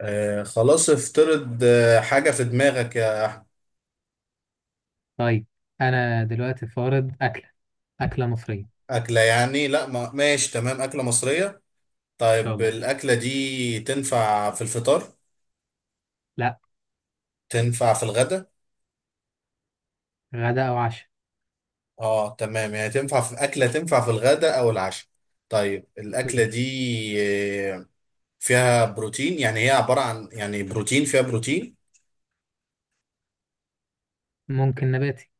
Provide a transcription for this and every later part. آه، خلاص، افترض حاجة في دماغك يا طيب انا دلوقتي فارض اكله مصريه ان أكلة. يعني، لا، ما ماشي. تمام، أكلة مصرية. شاء طيب، الله. الأكلة دي تنفع في الفطار؟ لا. تنفع في الغداء؟ غدا او عشاء. اه، تمام، يعني تنفع في أكلة، تنفع في الغداء أو العشاء. طيب، الأكلة دي، آه، فيها بروتين، يعني هي عبارة عن يعني بروتين، فيها بروتين. ممكن نباتي.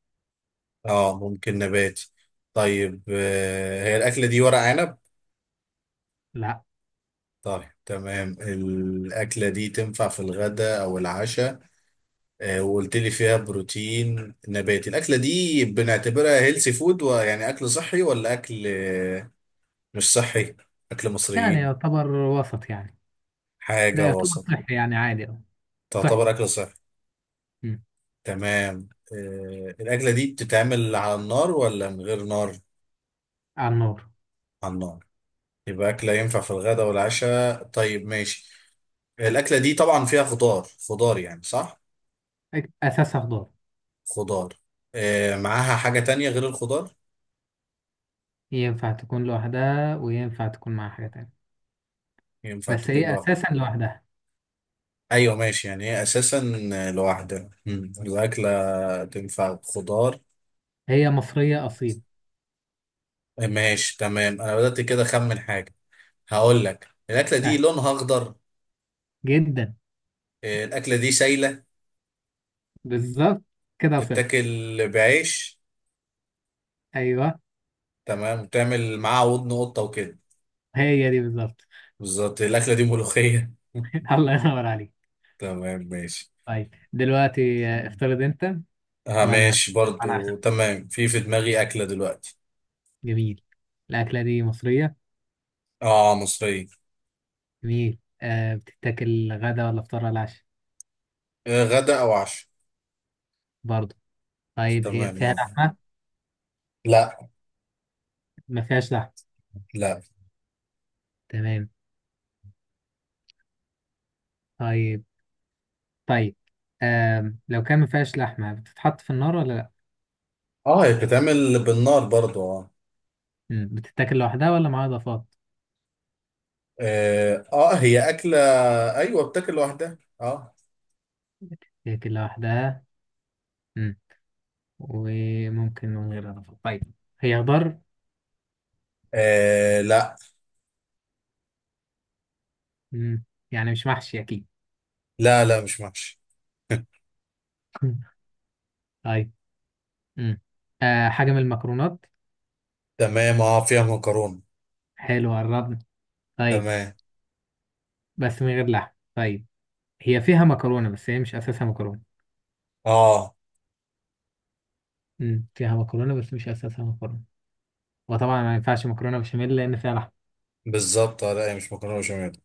اه، ممكن نباتي. طيب، هي الأكلة دي ورق عنب؟ لا طيب، تمام، الأكلة دي تنفع في الغداء أو العشاء. وقلت لي فيها بروتين نباتي. الاكله دي بنعتبرها هيلثي فود، ويعني اكل صحي ولا اكل مش صحي؟ اكل يعني مصريين. يعتبر وسط يعني. لا حاجه يعتبر وسط. صحي يعني عادي أوي. صحي. تعتبر اكل صحي. مم. تمام، الاكله دي بتتعمل على النار ولا من غير نار؟ على النار. على النار. يبقى اكله ينفع في الغداء والعشاء. طيب، ماشي. الاكله دي طبعا فيها خضار. خضار، يعني، صح؟ اساسها خضار. خضار. معاها حاجه تانية غير الخضار؟ ينفع تكون لوحدها وينفع تكون مع حاجه تانية. ينفع بس تكون هي لوحدها. اساسا لوحدها. ايوه ماشي، يعني هي اساسا لوحدها. الاكله تنفع خضار. هي مصريه اصيل. ماشي تمام، انا بدات كده اخمن حاجه. هقول لك، الاكله دي ها. لونها اخضر. جدا. الاكله دي سايله. بالظبط. كده وصلت. تتاكل. بعيش. ايوه. تمام، وتعمل معاها ودن قطه وكده. هي دي بالظبط. بالظبط، الاكله دي ملوخيه. الله ينور عليك. تمام، ماشي. طيب دلوقتي، افترض انت. اه، وانا ماشي برضو، انا تمام. في دماغي اكله دلوقتي. جميل. الاكله دي مصريه. اه، مصريه. جميل. بتتاكل غدا ولا فطار ولا عشاء؟ آه، غدا او عشاء. برضه. طيب هي تمام. فيها آه. لحمه؟ لا. ما فيهاش لحمه. لا. تمام. طيب. طيب. لو كان ما فيهاش لحمه بتتحط في النار ولا لا؟ اه، هي بتتعمل بالنار برضو، اه. مم. بتتاكل لوحدها ولا معاها اضافات؟ اه، هي اكله. ايوه بتاكل لوحدها، اه. بتتاكل لوحدها. مم. وممكن من غير اضافات. طيب. هي خضار. آه، لا، مم. يعني مش محشي اكيد. لا، لا، مش محشي. طيب. مم. حاجه من المكرونات. تمام، اه، فيها مكرونه. حلو، قربنا. طيب تمام، بس من غير لحم. طيب هي فيها مكرونة بس هي مش أساسها مكرونة. اه. فيها مكرونة بس مش أساسها مكرونة. وطبعا ما ينفعش مكرونة بشاميل لأن فيها لحم. بالظبط، آه، لا، هي مش مكرونه بشاميل.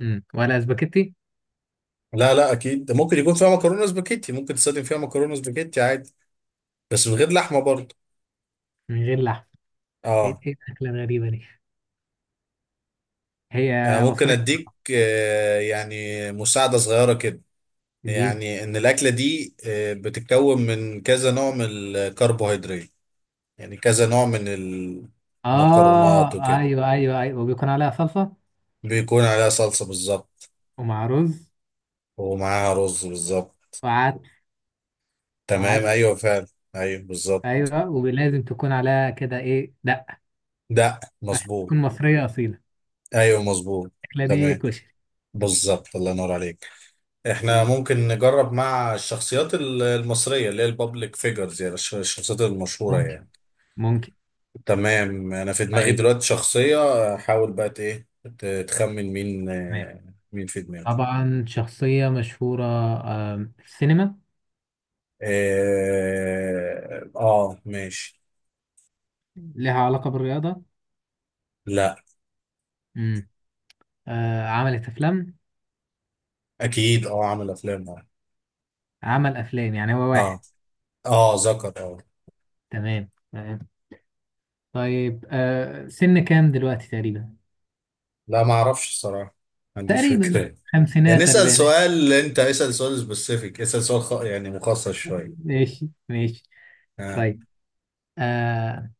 ولا سباكيتي؟ لا، لا اكيد، ده ممكن يكون فيها مكرونه سباكيتي، ممكن تستخدم فيها مكرونه سباكيتي عادي، بس من غير لحمه برضه. من غير لحم. إيه اه. إيه الأكلة الغريبة دي؟ انا هي ممكن مصرية اديك يعني مساعده صغيره كده، الدين. يعني ان الاكله دي بتتكون من كذا نوع من الكربوهيدرات. يعني كذا نوع من المكرونات آه، وكده. أيوه أيوه أيوه وبيكون عليها صلصة. بيكون عليها صلصة بالظبط. ومع رز. ومعاها رز بالظبط. وعدس تمام، وعدس ايوه فعلا. ايوه بالظبط. أيوه ولازم تكون عليها كده إيه دقة. دق عشان مظبوط. تكون مصرية أصيلة. ايوه مظبوط. الأكلة دي تمام. كشري. بالظبط، الله ينور عليك. احنا طيب، ممكن نجرب مع الشخصيات المصرية، اللي هي البابليك فيجرز، يعني الشخصيات المشهورة ممكن. يعني. ممكن. تمام، انا في دماغي طيب. دلوقتي شخصية. حاول بقى ايه، تخمن مين تمام. مين في دماغي. طبعا شخصية مشهورة. في السينما. اه, ماشي. ليها علاقة بالرياضة. لا. امم عملت أفلام. اكيد، اه، عامل افلام، اه. عمل أفلام يعني هو آه. واحد. اه، ذكر، اه. تمام تمام. طيب، سن كام دلوقتي تقريبا؟ لا، ما اعرفش الصراحه، ما عنديش تقريبا فكره. يعني خمسينات اسال أربعينات. سؤال، انت اسال سؤال سبيسيفيك، اسال سؤال يعني مخصص شويه. ماشي ماشي. آه. طيب. آه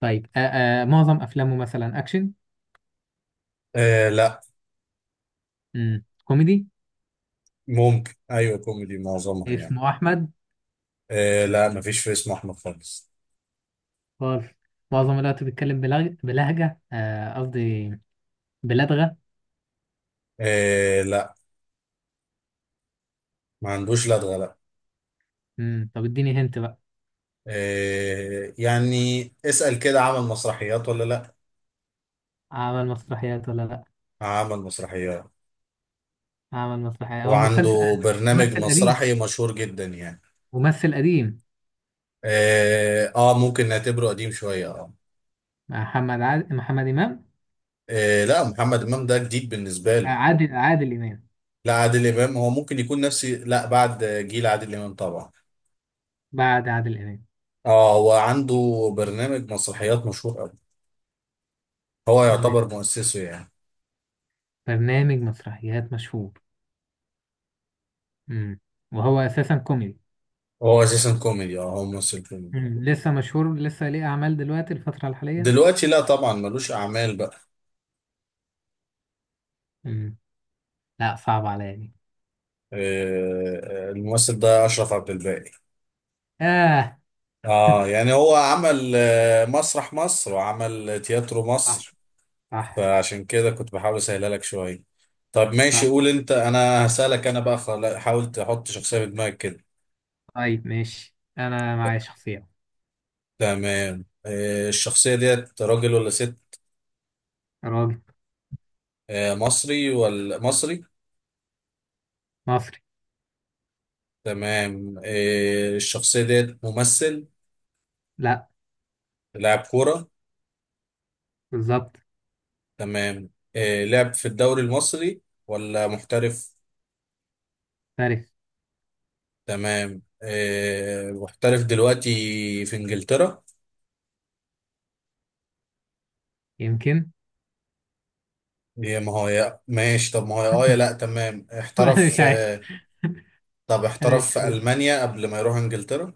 طيب. معظم أفلامه مثلا أكشن؟ آه، لا. مم. كوميدي. ممكن، ايوه، كوميدي معظمها يعني. اسمه أحمد. آه، لا، ما فيش في اسمه احمد خالص. خالص. معظم الوقت بيتكلم بلغ... بلهجة، قصدي بلدغة. آه، لا، ما عندوش لدغه، لا. مم. طب اديني هنت بقى. يعني اسال كده: عمل مسرحيات ولا لا؟ عمل مسرحيات ولا لأ؟ عمل مسرحيات، عمل مسرحيات هو مسلسل، وعنده برنامج ممثل قديم. مسرحي مشهور جدا، يعني. ممثل قديم اه، ممكن نعتبره قديم شويه، اه. محمد إمام. إيه؟ لا، محمد امام ده جديد بالنسبه له. عادل إمام. لا، عادل امام هو ممكن يكون نفسي، لا، بعد جيل عادل امام طبعا. بعد عادل إمام. اه، هو عنده برنامج مسرحيات مشهور قوي. هو برنامج يعتبر مؤسسه يعني. برنامج مسرحيات مشهور. مم. وهو أساسا كوميدي. هو اساسا كوميدي، اه، هو ممثل كوميدي. مم. لسه مشهور، لسه ليه أعمال دلوقتي الفترة الحالية؟ دلوقتي لا طبعا، ملوش اعمال بقى. مم. لا صعب عليا دي. إيه، الممثل ده اشرف عبد الباقي. آه اه، يعني هو عمل مسرح مصر، وعمل تياترو صح مصر. صح فعشان كده كنت بحاول اسهلها لك شويه. طب ماشي، صح. قول انت، انا هسألك. انا بقى حاول تحط شخصيه في دماغك كده. طيب ماشي، أنا معايا شخصية. تمام، الشخصيه ديت راجل ولا ست؟ راجل. مصري ولا مصري؟ مصري. تمام، الشخصيه ديت ممثل؟ لا. لاعب كوره. بالظبط. تمام، لعب في الدوري المصري ولا محترف؟ فارس. تمام، محترف دلوقتي في انجلترا. يمكن. يا ما هو يا ماشي، طب ما هو يا اه يا لا، تمام أنا مش احترف. عارف. طب أنا مش احترف في عارف. ألمانيا قبل ما يروح انجلترا.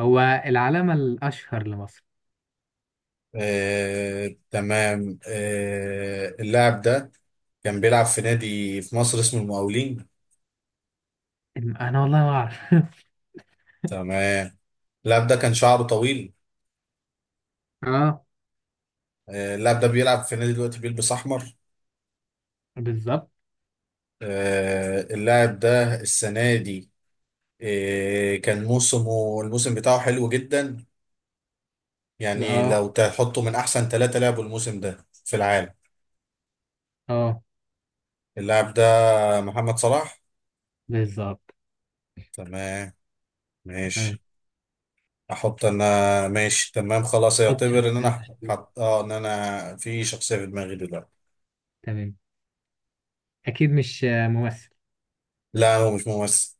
هو العلامة الأشهر لمصر. تمام، اللاعب ده كان بيلعب في نادي في مصر اسمه المقاولين. أنا والله ما أعرف. تمام، اللاعب ده كان شعره طويل. اه. اللاعب ده بيلعب في نادي دلوقتي بيلبس احمر. بالظبط. اللاعب ده السنه دي كان موسمه، الموسم بتاعه حلو جدا، يعني اه لو تحطه من احسن ثلاثه لعبوا الموسم ده في العالم. اه. اللاعب ده محمد صلاح. بالظبط. تمام، آه. ماشي. احط انا. ماشي تمام، خلاص، حط يعتبر ان شخصية انا مشهورة. حط، ان انا في شخصية في دماغي دلوقتي. تمام. أكيد مش ممثل. لا، هو مش ممثل.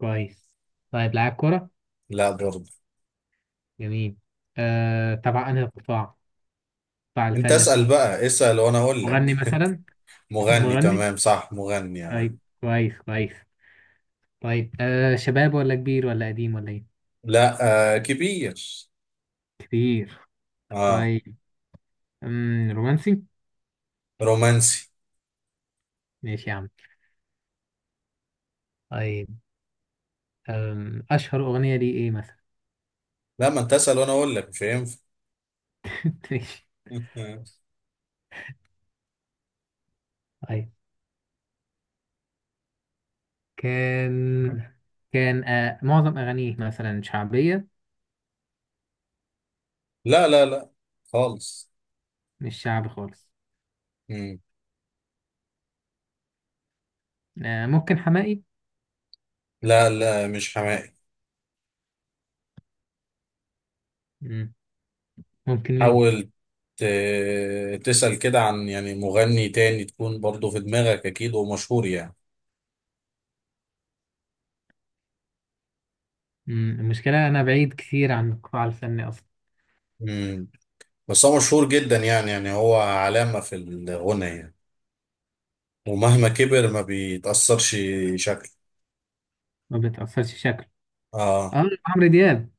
كويس. طيب لاعب كرة. لا برضه. جميل. تبع أنهي قطاع؟ قطاع انت الفن اسأل قطاع. بقى، اسأل وانا اقول مغني لك. مثلا؟ مغني، مغني. تمام، صح، مغني، اه. طيب كويس كويس. طيب، شباب ولا كبير ولا قديم ولا إيه؟ لا، كبير. كبير. اه. طيب. رومانسي. رومانسي. ماشي يا عم. طيب. أشهر أغنية ليه إيه مثلا؟ لا، ما انت اسأل وانا اقول لك، مش هينفع. ماشي. طيب. كان كان معظم أغانيه مثلا شعبية. لا، لا، لا خالص. مش شعبي خالص. مم. ممكن حماقي. لا، لا، مش حماقي. مم. ممكن مين؟ حاول تسأل كده عن يعني مغني تاني، تكون برضه في دماغك اكيد ومشهور، يعني. مم. المشكلة أنا بعيد كتير عن القطاع الفني أصلا. مم. بس هو مشهور جدا يعني هو علامة في الغنى يعني، ومهما كبر ما بيتأثرش شكله. ما بتأثرش شكله. اه. آه عمرو دياب.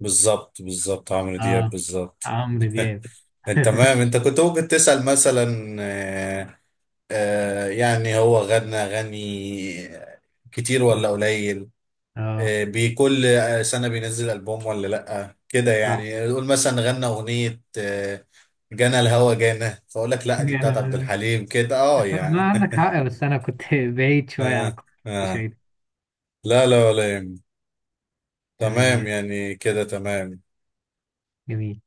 بالظبط، بالظبط عمرو دياب، آه بالظبط. عمرو دياب. انت تمام، انت كنت ممكن تسأل مثلا يعني هو غنى غني كتير مم. ولا قليل؟ آه. بكل سنة بينزل ألبوم ولا لأ كده، آه يعني قول مثلا غنى أغنية جنى الهوى جانا، فأقول لك لأ، دي يعني بتاعت عبد أنا، الحليم كده، اه ما يعني. عندك حق، بس أنا كنت بعيد شوية عن اه. القطاع الفني اه. شوية. لا، لا ولا يهم. تمام. تمام، يعني كده تمام. جميل.